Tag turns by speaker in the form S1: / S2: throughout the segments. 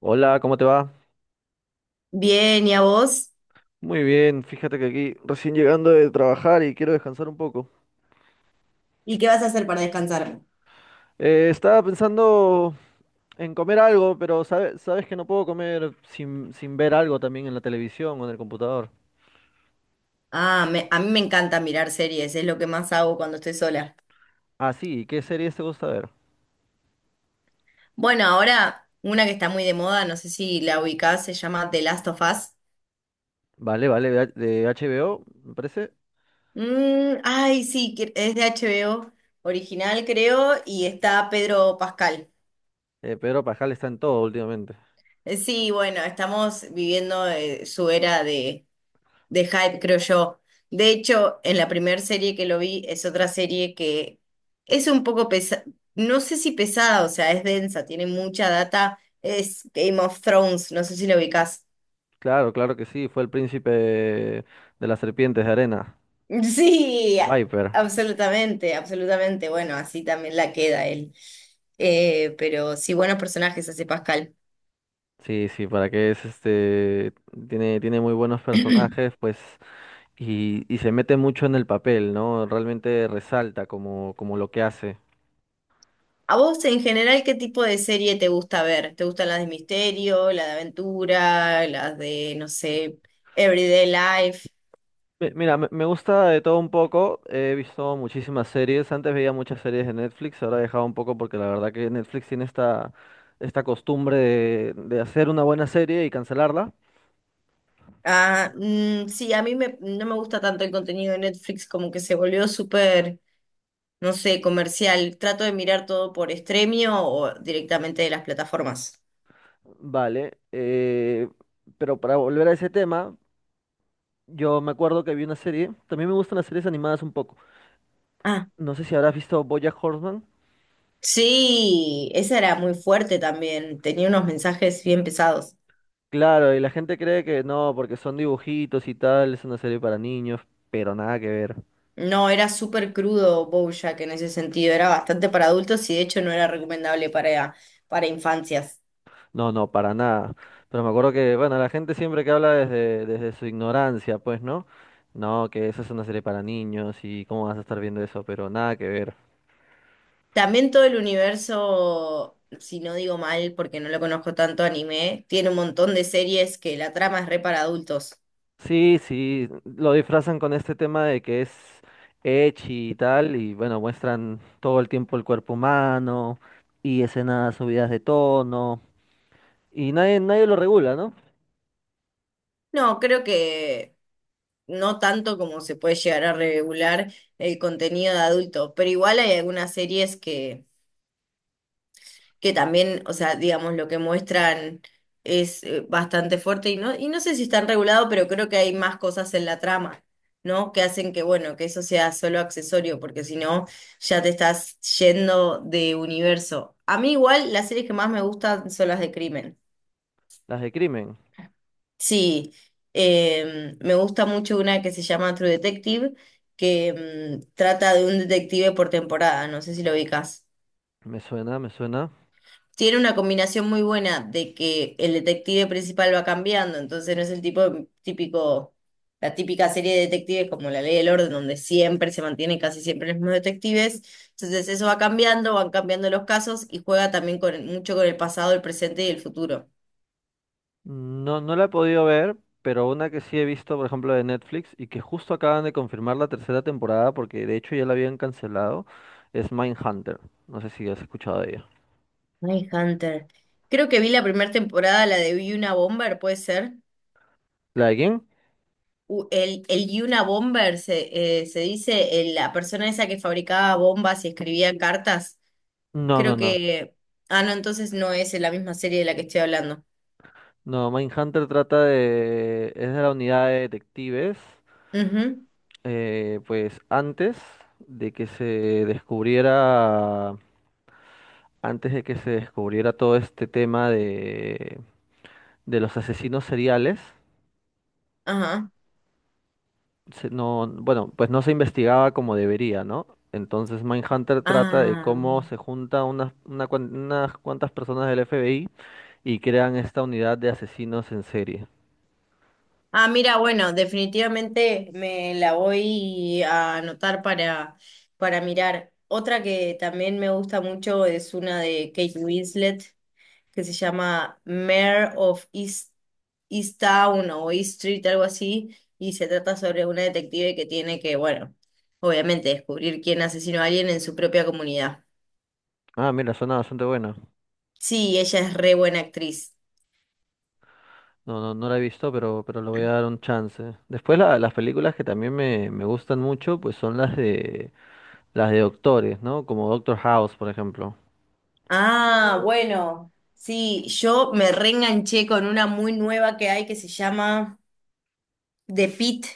S1: Hola, ¿cómo te va?
S2: Bien, ¿y a vos?
S1: Muy bien, fíjate que aquí recién llegando de trabajar y quiero descansar un poco.
S2: ¿Y qué vas a hacer para descansar?
S1: Estaba pensando en comer algo, pero sabes que no puedo comer sin ver algo también en la televisión o en el computador.
S2: A mí me encanta mirar series, es lo que más hago cuando estoy sola.
S1: Ah, sí, ¿qué series te gusta ver?
S2: Bueno, ahora una que está muy de moda, no sé si la ubicás, se llama The Last of Us.
S1: Vale, vale, de HBO, me parece.
S2: Mm, ay, sí, es de HBO original, creo, y está Pedro Pascal.
S1: Pedro Pascal está en todo últimamente.
S2: Sí, bueno, estamos viviendo su era de hype, creo yo. De hecho, en la primera serie que lo vi es otra serie que es un poco pesada, no sé si pesada, o sea, es densa, tiene mucha data, es Game of Thrones, no sé si lo ubicás.
S1: Claro, claro que sí, fue el príncipe de las serpientes de arena.
S2: Sí,
S1: Viper.
S2: absolutamente, absolutamente. Bueno, así también la queda él. Pero sí, buenos personajes hace Pascal.
S1: Sí, sí, para que es este. Tiene muy buenos personajes, pues y se mete mucho en el papel, ¿no? Realmente resalta como lo que hace.
S2: ¿A vos en general qué tipo de serie te gusta ver? ¿Te gustan las de misterio, las de aventura, las de, no sé, Everyday Life?
S1: Mira, me gusta de todo un poco, he visto muchísimas series, antes veía muchas series de Netflix, ahora he dejado un poco porque la verdad que Netflix tiene esta costumbre de hacer una buena serie y cancelarla.
S2: Ah, mm, sí, no me gusta tanto el contenido de Netflix, como que se volvió súper, no sé, comercial. Trato de mirar todo por Stremio o directamente de las plataformas.
S1: Vale, pero para volver a ese tema, yo me acuerdo que vi una serie, también me gustan las series animadas un poco.
S2: Ah,
S1: No sé si habrás visto BoJack Horseman.
S2: sí, esa era muy fuerte también, tenía unos mensajes bien pesados.
S1: Claro, y la gente cree que no, porque son dibujitos y tal, es una serie para niños, pero nada que ver.
S2: No, era súper crudo BoJack en ese sentido, era bastante para adultos y de hecho no era recomendable para infancias.
S1: No, no, para nada. Pero me acuerdo que, bueno, la gente siempre que habla desde su ignorancia, pues, ¿no? No, que esa es una serie para niños y cómo vas a estar viendo eso, pero nada que ver.
S2: También todo el universo, si no digo mal, porque no lo conozco tanto anime, tiene un montón de series que la trama es re para adultos.
S1: Sí, sí, lo disfrazan con este tema de que es ecchi y tal, y bueno, muestran todo el tiempo el cuerpo humano y escenas subidas de tono, y nadie lo regula, ¿no?
S2: No, creo que no tanto como se puede llegar a regular el contenido de adulto, pero igual hay algunas series que también, o sea, digamos, lo que muestran es bastante fuerte y no sé si están regulados, pero creo que hay más cosas en la trama, ¿no? Que hacen que, bueno, que eso sea solo accesorio, porque si no, ya te estás yendo de universo. A mí igual las series que más me gustan son las de crimen.
S1: Las de crimen.
S2: Sí, me gusta mucho una que se llama True Detective, que mm, trata de un detective por temporada, no sé si lo ubicas.
S1: Me suena, me suena.
S2: Tiene una combinación muy buena de que el detective principal va cambiando, entonces no es el tipo típico, la típica serie de detectives como La Ley del Orden, donde siempre se mantienen casi siempre los mismos detectives. Entonces eso va cambiando, van cambiando los casos y juega también con, mucho con el pasado, el presente y el futuro.
S1: No, no la he podido ver, pero una que sí he visto, por ejemplo, de Netflix y que justo acaban de confirmar la tercera temporada porque de hecho ya la habían cancelado, es Mindhunter. No sé si has escuchado de ella.
S2: Hunter. Creo que vi la primera temporada, la de Yuna Bomber, ¿puede ser?
S1: ¿La de quién?
S2: El Yuna Bomber se dice la persona esa que fabricaba bombas y escribía cartas.
S1: No, no,
S2: Creo
S1: no.
S2: que... Ah, no, entonces no es la misma serie de la que estoy hablando.
S1: No, Mindhunter trata de... es de la unidad de detectives.
S2: Ujú.
S1: Pues de que se descubriera, antes de que se descubriera todo este tema de los asesinos seriales,
S2: Ajá.
S1: no, bueno, pues no se investigaba como debería, ¿no? Entonces Mindhunter trata de
S2: Ah.
S1: cómo se junta unas cuantas personas del FBI y crean esta unidad de asesinos en serie.
S2: Ah, mira, bueno, definitivamente me la voy a anotar para mirar. Otra que también me gusta mucho es una de Kate Winslet, que se llama Mare of East, East Town o East Street, algo así, y se trata sobre una detective que tiene que, bueno, obviamente descubrir quién asesinó a alguien en su propia comunidad.
S1: Ah, mira, suena bastante buena.
S2: Sí, ella es re buena actriz.
S1: No, no, no la he visto, pero le voy a dar un chance. Después las películas que también me gustan mucho, pues son las de doctores, ¿no? Como Doctor House, por ejemplo.
S2: Ah, mm, bueno, sí, yo me reenganché con una muy nueva que hay que se llama The Pitt,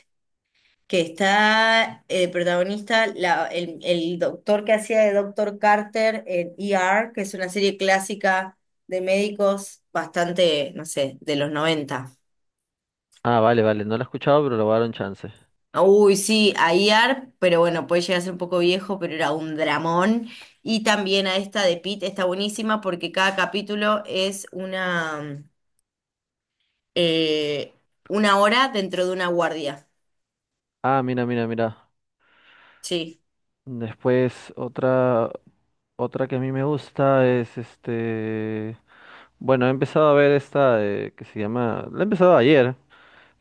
S2: que está protagonista, el doctor que hacía de Doctor Carter en E R., que es una serie clásica de médicos bastante, no sé, de los 90.
S1: Ah, vale, vale, no la he escuchado, pero le voy a dar un chance.
S2: Uy, sí, a IAR, pero bueno, puede llegar a ser un poco viejo, pero era un dramón. Y también a esta de Pete está buenísima porque cada capítulo es eh, una hora dentro de una guardia.
S1: Ah, mira, mira, mira.
S2: Sí,
S1: Después otra. Otra que a mí me gusta es este. Bueno, he empezado a ver esta que se llama. La he empezado ayer.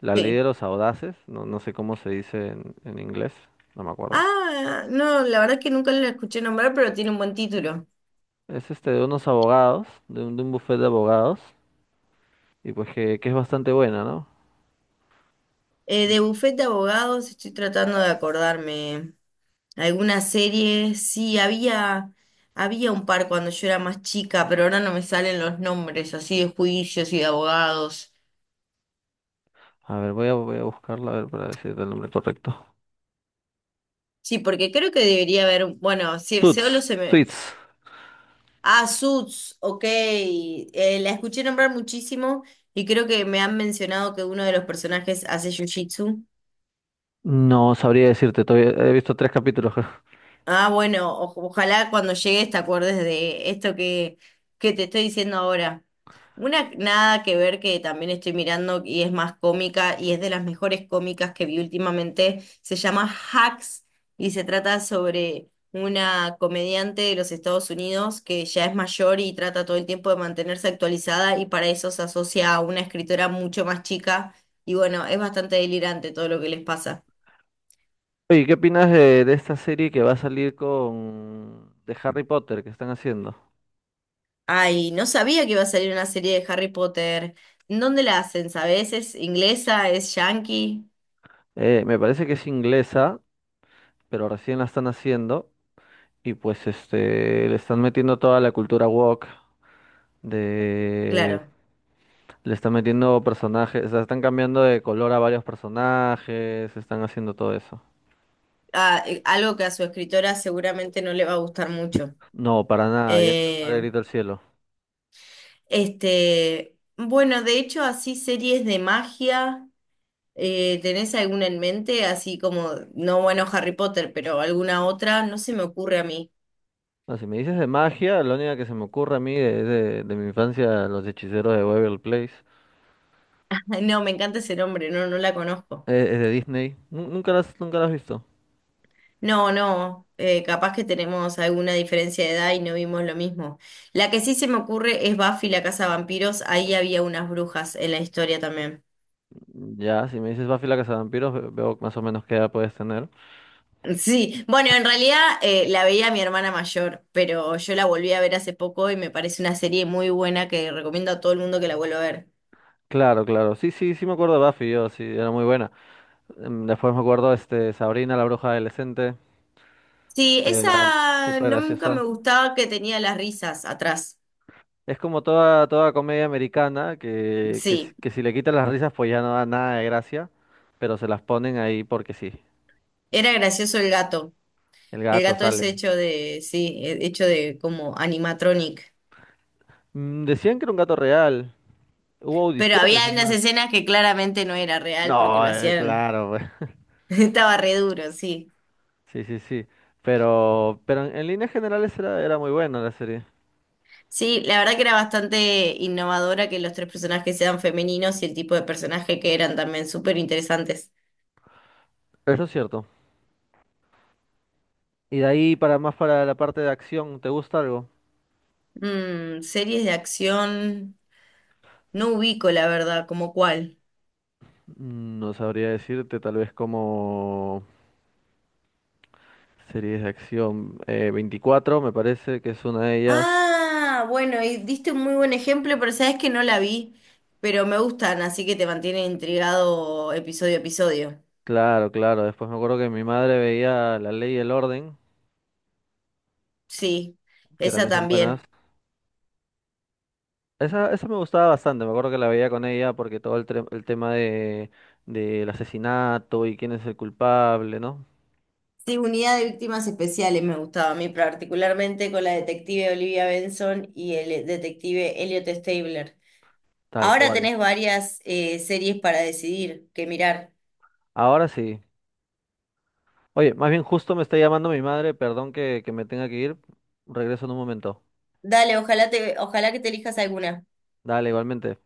S1: La ley
S2: sí.
S1: de los audaces. No, no sé cómo se dice en inglés. No me acuerdo.
S2: Ah, no, la verdad es que nunca la escuché nombrar, pero tiene un buen título.
S1: Es este de unos abogados. De de un bufete de abogados. Y pues que es bastante buena, ¿no?
S2: De bufete de abogados, estoy tratando de acordarme. Alguna serie, sí, había un par cuando yo era más chica, pero ahora no me salen los nombres así de juicios y de abogados.
S1: A ver, voy a buscarla a ver para decirte el nombre correcto.
S2: Sí, porque creo que debería haber, bueno, si
S1: Suits.
S2: solo se me...
S1: Suits.
S2: Ah, Suits, ok. La escuché nombrar muchísimo y creo que me han mencionado que uno de los personajes hace jiu-jitsu.
S1: No sabría decirte. Todavía he visto tres capítulos.
S2: Ah, bueno, ojalá cuando llegues te acuerdes de esto que te estoy diciendo ahora. Una nada que ver que también estoy mirando y es más cómica y es de las mejores cómicas que vi últimamente, se llama Hacks y se trata sobre una comediante de los Estados Unidos que ya es mayor y trata todo el tiempo de mantenerse actualizada y para eso se asocia a una escritora mucho más chica y bueno, es bastante delirante todo lo que les pasa.
S1: Oye, ¿qué opinas de esta serie que va a salir con. De Harry Potter que están haciendo?
S2: Ay, no sabía que iba a salir una serie de Harry Potter. ¿En dónde la hacen? ¿Sabes? ¿Es inglesa? ¿Es yankee?
S1: Me parece que es inglesa, pero recién la están haciendo y pues este le están metiendo toda la cultura woke de
S2: Claro.
S1: le están metiendo personajes, o sea, están cambiando de color a varios personajes, están haciendo todo eso.
S2: Ah, algo que a su escritora seguramente no le va a gustar mucho.
S1: No, para nada, ya empezó de
S2: Eh,
S1: grito al cielo.
S2: bueno, de hecho, así series de magia, ¿tenés alguna en mente? Así como, no, bueno, Harry Potter, pero alguna otra, no se me ocurre a mí.
S1: No, si me dices de magia, la única que se me ocurre a mí de mi infancia, los hechiceros de Waverly Place,
S2: No, me encanta ese nombre, no, no la conozco.
S1: es de Disney. Nunca nunca las has visto.
S2: No, no, capaz que tenemos alguna diferencia de edad y no vimos lo mismo. La que sí se me ocurre es Buffy la Casa de Vampiros, ahí había unas brujas en la historia también.
S1: Ya, si me dices Buffy la Cazavampiros, veo más o menos qué edad puedes tener.
S2: Sí, bueno, en realidad la veía mi hermana mayor, pero yo la volví a ver hace poco y me parece una serie muy buena que recomiendo a todo el mundo que la vuelva a ver.
S1: Claro, claro. Sí, sí, sí me acuerdo de Buffy, yo, sí, era muy buena. Después me acuerdo este Sabrina, la bruja adolescente,
S2: Sí,
S1: que era
S2: esa
S1: súper
S2: nunca me
S1: graciosa.
S2: gustaba que tenía las risas atrás.
S1: Es como toda, toda comedia americana, si
S2: Sí,
S1: que si le quitan las risas pues ya no da nada de gracia, pero se las ponen ahí porque sí.
S2: era gracioso el gato.
S1: El
S2: El
S1: gato
S2: gato es
S1: sale.
S2: hecho de, sí, hecho de como animatronic.
S1: Mm, decían que era un gato real. Hubo
S2: Pero
S1: audiciones,
S2: había
S1: es
S2: unas
S1: más.
S2: escenas que claramente no era real porque
S1: No,
S2: lo hacían.
S1: claro, pues.
S2: Estaba re duro, sí.
S1: Sí, sí, sí. Pero en líneas generales era muy buena la serie.
S2: Sí, la verdad que era bastante innovadora que los tres personajes sean femeninos y el tipo de personaje que eran también súper interesantes.
S1: Eso es cierto. Y de ahí para más para la parte de acción, ¿te gusta algo?
S2: Mm, series de acción. No ubico, la verdad, como cuál.
S1: Mm, no sabría decirte, tal vez como series de acción. 24 me parece que es una de ellas.
S2: Ah, bueno, y diste un muy buen ejemplo, pero sabes que no la vi. Pero me gustan, así que te mantienen intrigado episodio a episodio.
S1: Claro, claro. Después me acuerdo que mi madre veía La Ley y el Orden,
S2: Sí,
S1: que
S2: esa
S1: también son buenas.
S2: también.
S1: Esa me gustaba bastante, me acuerdo que la veía con ella porque todo el tema del asesinato y quién es el culpable, ¿no?
S2: Sí, unidad de víctimas especiales me gustaba a mí particularmente con la detective Olivia Benson y el detective Elliot Stabler.
S1: Tal
S2: Ahora
S1: cual.
S2: tenés varias series para decidir que mirar.
S1: Ahora sí. Oye, más bien justo me está llamando mi madre, perdón que me tenga que ir. Regreso en un momento.
S2: Dale, ojalá que te elijas alguna.
S1: Dale, igualmente.